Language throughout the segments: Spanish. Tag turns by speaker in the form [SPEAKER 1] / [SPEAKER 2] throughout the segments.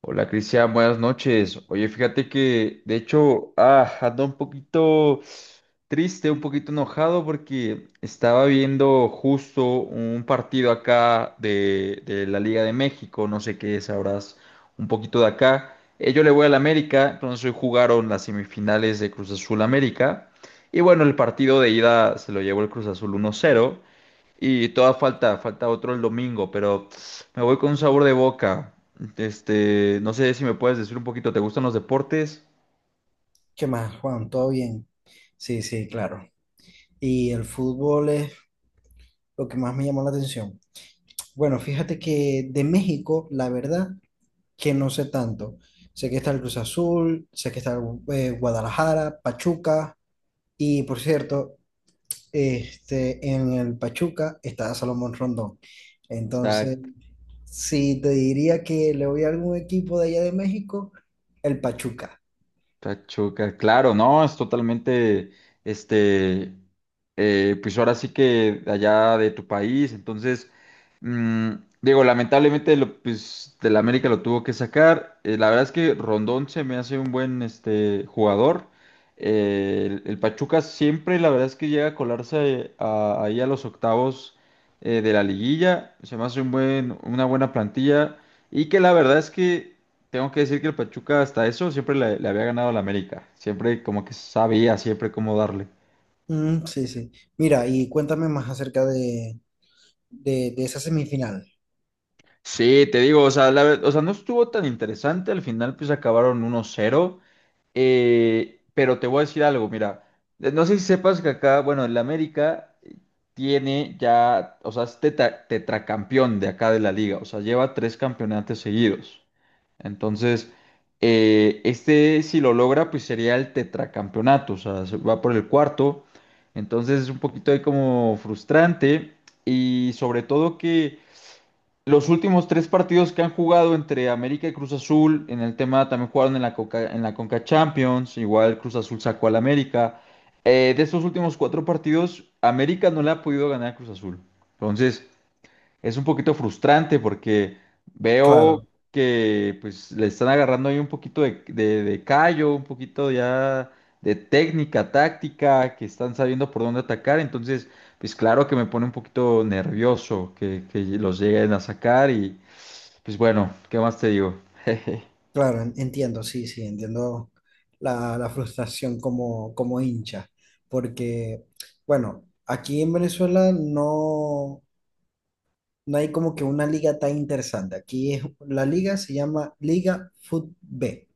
[SPEAKER 1] Hola Cristian, buenas noches. Oye, fíjate que de hecho ando un poquito triste, un poquito enojado porque estaba viendo justo un partido acá de la Liga de México, no sé qué sabrás un poquito de acá. Yo le voy al América, entonces hoy jugaron las semifinales de Cruz Azul América. Y bueno, el partido de ida se lo llevó el Cruz Azul 1-0. Y toda falta otro el domingo, pero me voy con un sabor de boca. No sé si me puedes decir un poquito, ¿te gustan los deportes?
[SPEAKER 2] ¿Qué más, Juan? ¿Todo bien? Sí, sí, claro. Y el fútbol es lo que más me llamó la atención. Bueno, fíjate que de México, la verdad, que no sé tanto. Sé que está el Cruz Azul, sé que está el, Guadalajara, Pachuca, y por cierto, en el Pachuca está Salomón Rondón.
[SPEAKER 1] O
[SPEAKER 2] Entonces, si te diría que le voy a algún equipo de allá de México, el Pachuca.
[SPEAKER 1] Pachuca, claro, no, es totalmente, este, pues ahora sí que allá de tu país. Entonces, mm, digo, lamentablemente, lo, pues, de la América lo tuvo que sacar. La verdad es que Rondón se me hace un buen, jugador. El Pachuca siempre, la verdad es que llega a colarse ahí a los octavos de la liguilla. Se me hace una buena plantilla, y que la verdad es que tengo que decir que el Pachuca hasta eso siempre le había ganado al América. Siempre como que sabía siempre cómo darle.
[SPEAKER 2] Mm, sí, sí. Mira, y cuéntame más acerca de, de esa semifinal.
[SPEAKER 1] Sí, te digo, o sea, o sea, no estuvo tan interesante. Al final pues acabaron uno cero, pero te voy a decir algo, mira. No sé si sepas que acá, bueno, el América tiene ya, o sea, es tetracampeón de acá de la liga. O sea, lleva tres campeonatos seguidos. Entonces, si lo logra, pues sería el tetracampeonato, o sea, se va por el cuarto. Entonces es un poquito ahí como frustrante y sobre todo que los últimos tres partidos que han jugado entre América y Cruz Azul, en el tema también jugaron en en la Conca Champions, igual Cruz Azul sacó al América. De estos últimos cuatro partidos, América no le ha podido ganar a Cruz Azul. Entonces, es un poquito frustrante porque veo
[SPEAKER 2] Claro,
[SPEAKER 1] que pues le están agarrando ahí un poquito de callo, un poquito ya de técnica, táctica, que están sabiendo por dónde atacar, entonces pues claro que me pone un poquito nervioso que los lleguen a sacar y pues bueno, ¿qué más te digo?
[SPEAKER 2] claro, entiendo, sí, sí, entiendo la, la frustración como, como hincha, porque, bueno, aquí en Venezuela no hay como que una liga tan interesante. Aquí es, la liga se llama Liga Fut B,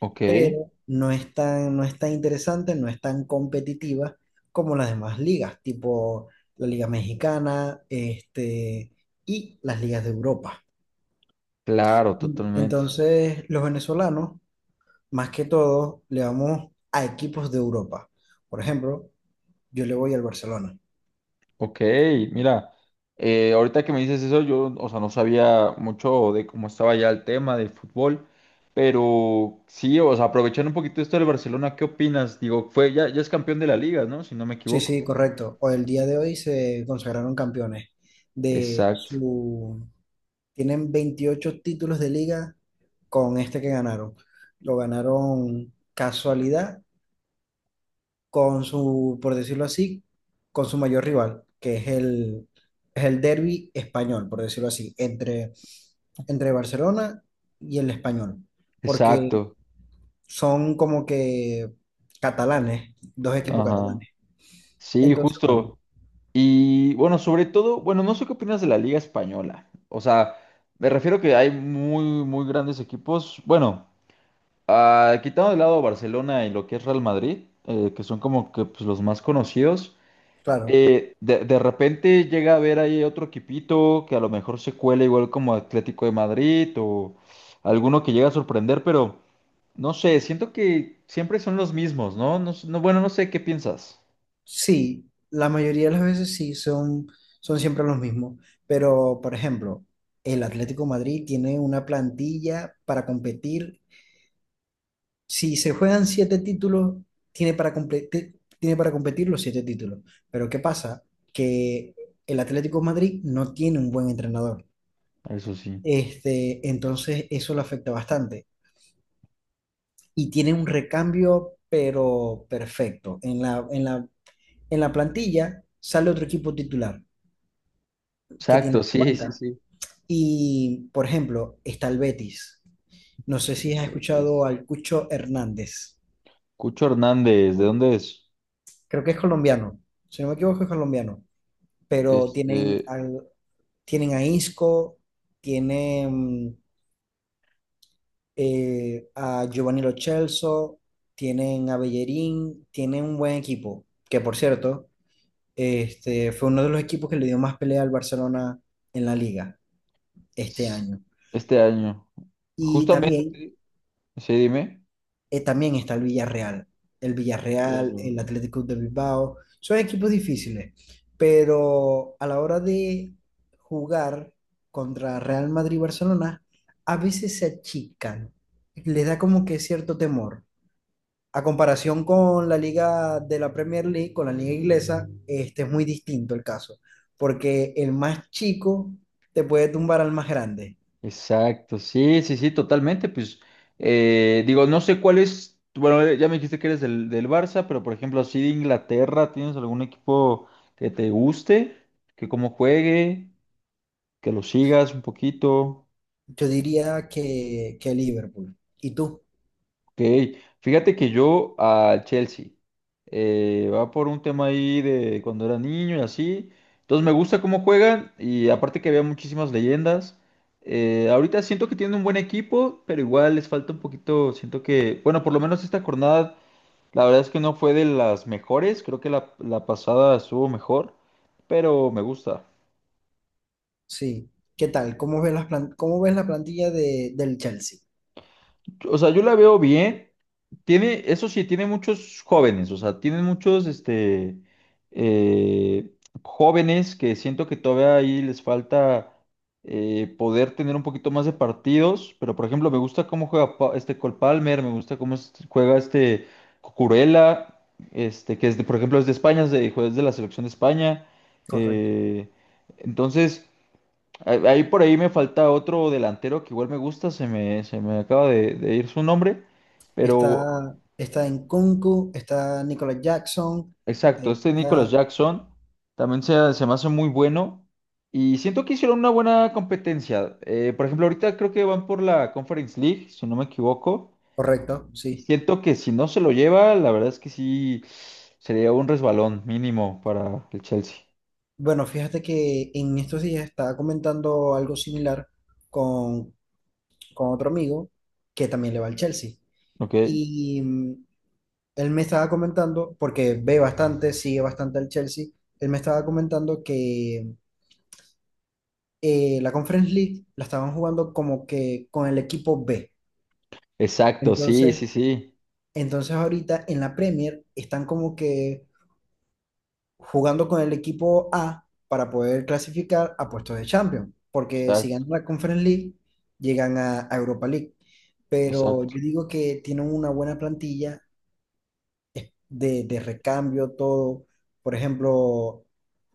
[SPEAKER 1] Ok,
[SPEAKER 2] pero no es tan, no es tan interesante, no es tan competitiva como las demás ligas, tipo la Liga Mexicana, y las ligas de Europa.
[SPEAKER 1] claro, totalmente.
[SPEAKER 2] Entonces, los venezolanos, más que todo, le vamos a equipos de Europa. Por ejemplo, yo le voy al Barcelona.
[SPEAKER 1] Ok, mira, ahorita que me dices eso, yo, o sea, no sabía mucho de cómo estaba ya el tema del fútbol, pero sí, o sea, aprovechando un poquito esto del Barcelona, ¿qué opinas? Digo, fue, ya, ya es campeón de la liga, ¿no? Si no me
[SPEAKER 2] Sí,
[SPEAKER 1] equivoco.
[SPEAKER 2] sí, correcto. O el día de hoy se consagraron campeones de
[SPEAKER 1] Exacto,
[SPEAKER 2] su... Tienen 28 títulos de liga con este que ganaron. Lo ganaron casualidad con su, por decirlo así, con su mayor rival, que es el derbi español, por decirlo así, entre, entre Barcelona y el Español, porque
[SPEAKER 1] exacto.
[SPEAKER 2] son como que catalanes, dos equipos
[SPEAKER 1] Ajá.
[SPEAKER 2] catalanes.
[SPEAKER 1] Sí,
[SPEAKER 2] Entonces, bueno,
[SPEAKER 1] justo. Y bueno, sobre todo, bueno, no sé qué opinas de la Liga Española. O sea, me refiero que hay muy, muy grandes equipos. Bueno. Ah, quitando de lado Barcelona y lo que es Real Madrid, que son como que pues, los más conocidos,
[SPEAKER 2] claro,
[SPEAKER 1] de repente llega a haber ahí otro equipito que a lo mejor se cuela igual como Atlético de Madrid o alguno que llega a sorprender, pero no sé, siento que siempre son los mismos, ¿no? No, no, bueno, no sé qué piensas.
[SPEAKER 2] sí, la mayoría de las veces sí, son, son siempre los mismos, pero por ejemplo, el Atlético de Madrid tiene una plantilla para competir. Si se juegan siete títulos, tiene para competir los siete títulos. Pero ¿qué pasa? Que el Atlético de Madrid no tiene un buen entrenador.
[SPEAKER 1] Eso sí.
[SPEAKER 2] Entonces eso lo afecta bastante. Y tiene un recambio, pero perfecto. En la, en la plantilla sale otro equipo titular que
[SPEAKER 1] Exacto,
[SPEAKER 2] tiene
[SPEAKER 1] sí, sí,
[SPEAKER 2] banca.
[SPEAKER 1] sí.
[SPEAKER 2] Y, por ejemplo, está el Betis. No sé
[SPEAKER 1] Sí,
[SPEAKER 2] si has
[SPEAKER 1] güey,
[SPEAKER 2] escuchado
[SPEAKER 1] pues.
[SPEAKER 2] al Cucho Hernández.
[SPEAKER 1] Cucho Hernández, ¿de dónde es?
[SPEAKER 2] Creo que es colombiano. Si no me equivoco, es colombiano. Pero tienen,
[SPEAKER 1] Este,
[SPEAKER 2] tienen a Isco, tienen a Giovanni Lo Celso, tienen a Bellerín, tienen un buen equipo, que por cierto, fue uno de los equipos que le dio más pelea al Barcelona en la liga este
[SPEAKER 1] s-
[SPEAKER 2] año.
[SPEAKER 1] este año.
[SPEAKER 2] Y también
[SPEAKER 1] Justamente, sí, dime.
[SPEAKER 2] también está el Villarreal. El Villarreal,
[SPEAKER 1] Claro.
[SPEAKER 2] el Atlético de Bilbao, son equipos difíciles, pero a la hora de jugar contra Real Madrid y Barcelona, a veces se achican, les da como que cierto temor. A comparación con la liga de la Premier League, con la liga inglesa, este es muy distinto el caso, porque el más chico te puede tumbar al más grande.
[SPEAKER 1] Exacto, sí, sí, sí, totalmente. Pues digo, no sé cuál es, bueno, ya me dijiste que eres del, del Barça, pero por ejemplo, así de Inglaterra, ¿tienes algún equipo que te guste, que cómo juegue, que lo sigas un poquito?
[SPEAKER 2] Yo diría que Liverpool. ¿Y tú?
[SPEAKER 1] Ok, fíjate que yo al Chelsea va por un tema ahí de cuando era niño y así. Entonces me gusta cómo juegan y aparte que había muchísimas leyendas. Ahorita siento que tienen un buen equipo, pero igual les falta un poquito. Siento que, bueno, por lo menos esta jornada, la verdad es que no fue de las mejores. Creo que la pasada estuvo mejor, pero me gusta.
[SPEAKER 2] Sí. ¿Qué tal? ¿Cómo ves las cómo ves la plantilla de, del Chelsea?
[SPEAKER 1] O sea, yo la veo bien. Tiene, eso sí, tiene muchos jóvenes, o sea, tiene muchos eh, jóvenes que siento que todavía ahí les falta poder tener un poquito más de partidos, pero por ejemplo, me gusta cómo juega Cole Palmer, me gusta cómo juega Cucurella, que es por ejemplo es de España, juez de la selección de España.
[SPEAKER 2] Correcto.
[SPEAKER 1] eh, entonces, ahí por ahí me falta otro delantero que igual me gusta, se me acaba de ir su nombre.
[SPEAKER 2] Está,
[SPEAKER 1] Pero.
[SPEAKER 2] está Nkunku, está Nicolas Jackson,
[SPEAKER 1] Exacto, este
[SPEAKER 2] está...
[SPEAKER 1] Nicholas Jackson también se me hace muy bueno y siento que hicieron una buena competencia. Por ejemplo, ahorita creo que van por la Conference League, si no me equivoco,
[SPEAKER 2] Correcto,
[SPEAKER 1] y
[SPEAKER 2] sí.
[SPEAKER 1] siento que si no se lo lleva, la verdad es que sí sería un resbalón mínimo para el Chelsea.
[SPEAKER 2] Bueno, fíjate que en estos días estaba comentando algo similar con, con otro amigo que también le va al Chelsea.
[SPEAKER 1] ¿Ok?
[SPEAKER 2] Y él me estaba comentando, porque ve bastante, sigue bastante al Chelsea, él me estaba comentando que la Conference League la estaban jugando como que con el equipo B.
[SPEAKER 1] Exacto, sí, sí,
[SPEAKER 2] Entonces,
[SPEAKER 1] sí.
[SPEAKER 2] entonces ahorita en la Premier están como que jugando con el equipo A para poder clasificar a puestos de Champions, porque si
[SPEAKER 1] Exacto,
[SPEAKER 2] ganan la Conference League, llegan a Europa League. Pero
[SPEAKER 1] exacto.
[SPEAKER 2] yo digo que tienen una buena plantilla de recambio, todo. Por ejemplo,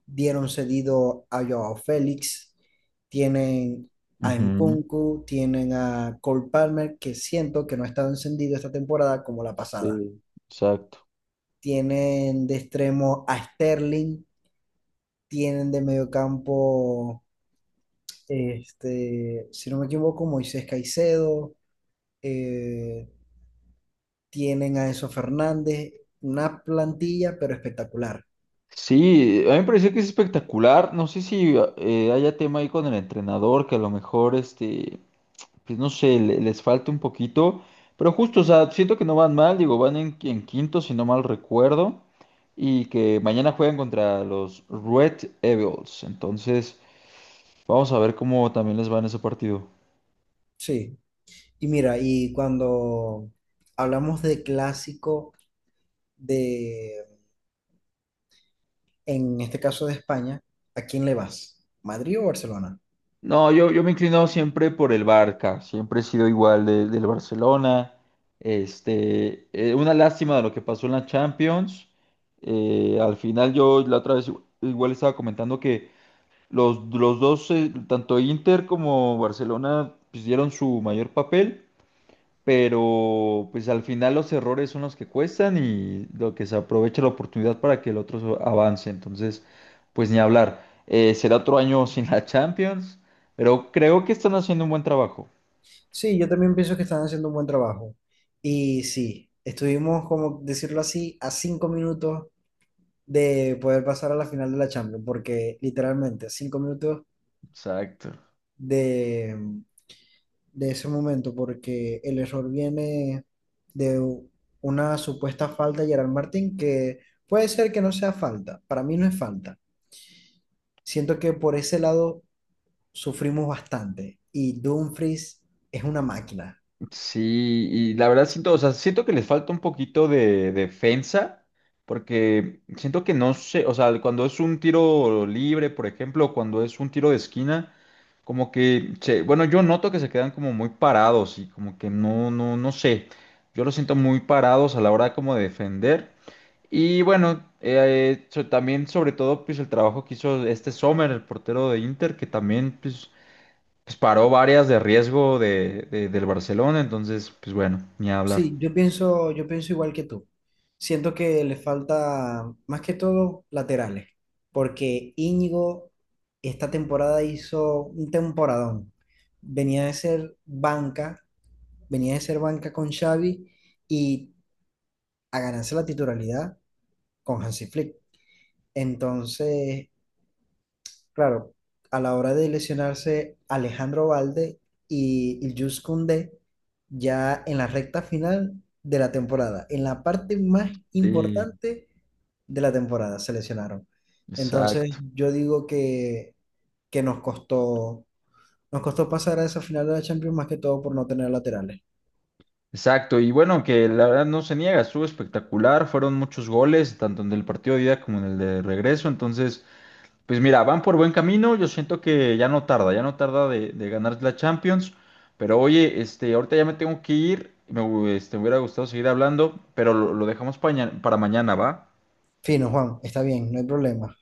[SPEAKER 2] dieron cedido a Joao Félix, tienen a
[SPEAKER 1] Ujú.
[SPEAKER 2] Nkunku, tienen a Cole Palmer, que siento que no ha estado encendido esta temporada como la pasada.
[SPEAKER 1] Sí, exacto.
[SPEAKER 2] Tienen de extremo a Sterling, tienen de mediocampo, si no me equivoco, Moisés Caicedo, eh, tienen a Enzo Fernández, una plantilla pero espectacular.
[SPEAKER 1] Sí, a mí me pareció que es espectacular. No sé si haya tema ahí con el entrenador, que a lo mejor pues no sé, les falta un poquito, pero justo, o sea, siento que no van mal, digo, van en quinto, si no mal recuerdo, y que mañana juegan contra los Red Evils, entonces vamos a ver cómo también les va en ese partido.
[SPEAKER 2] Sí. Y mira, y cuando hablamos de clásico de, en este caso de España, ¿a quién le vas? ¿Madrid o Barcelona?
[SPEAKER 1] No, yo me he inclinado siempre por el Barca, siempre he sido igual del Barcelona, una lástima de lo que pasó en la Champions. Al final yo la otra vez igual estaba comentando que los dos, tanto Inter como Barcelona, pues, dieron su mayor papel, pero pues al final los errores son los que cuestan y lo que se aprovecha la oportunidad para que el otro avance. Entonces, pues ni hablar. Será otro año sin la Champions, pero creo que están haciendo un buen trabajo.
[SPEAKER 2] Sí, yo también pienso que están haciendo un buen trabajo. Y sí, estuvimos, como decirlo así, a 5 minutos de poder pasar a la final de la Champions, porque literalmente a 5 minutos
[SPEAKER 1] Exacto.
[SPEAKER 2] de de ese momento, porque el error viene de una supuesta falta de Gerard Martín, que puede ser que no sea falta, para mí no es falta. Siento que por ese lado sufrimos bastante y Dumfries es una máquina.
[SPEAKER 1] Sí, y la verdad siento, o sea, siento que les falta un poquito de defensa, porque siento que no sé, o sea, cuando es un tiro libre, por ejemplo, cuando es un tiro de esquina, como que, bueno, yo noto que se quedan como muy parados y como que no sé, yo los siento muy parados a la hora como de defender. Y bueno, también sobre todo pues el trabajo que hizo este Sommer, el portero de Inter, que también pues pues paró varias de riesgo del Barcelona, entonces, pues bueno, ni hablar.
[SPEAKER 2] Sí, yo pienso igual que tú. Siento que le falta más que todo laterales, porque Íñigo esta temporada hizo un temporadón, venía de ser banca, venía de ser banca con Xavi y a ganarse la titularidad con Hansi Flick. Entonces, claro, a la hora de lesionarse Alejandro Valde y Iljus Koundé, ya en la recta final de la temporada, en la parte más
[SPEAKER 1] Sí,
[SPEAKER 2] importante de la temporada, se lesionaron. Entonces,
[SPEAKER 1] exacto.
[SPEAKER 2] yo digo que nos costó pasar a esa final de la Champions más que todo por no tener laterales.
[SPEAKER 1] Exacto, y bueno, que la verdad no se niega, estuvo espectacular, fueron muchos goles, tanto en el partido de ida como en el de regreso, entonces, pues mira, van por buen camino, yo siento que ya no tarda de ganar la Champions, pero oye, este, ahorita ya me tengo que ir, me hubiera gustado seguir hablando, pero lo dejamos para mañana, ¿va?
[SPEAKER 2] Fino, Juan, está bien, no hay problema.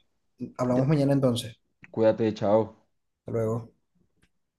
[SPEAKER 1] Ya,
[SPEAKER 2] Hablamos mañana entonces.
[SPEAKER 1] cuídate, chao.
[SPEAKER 2] Hasta luego.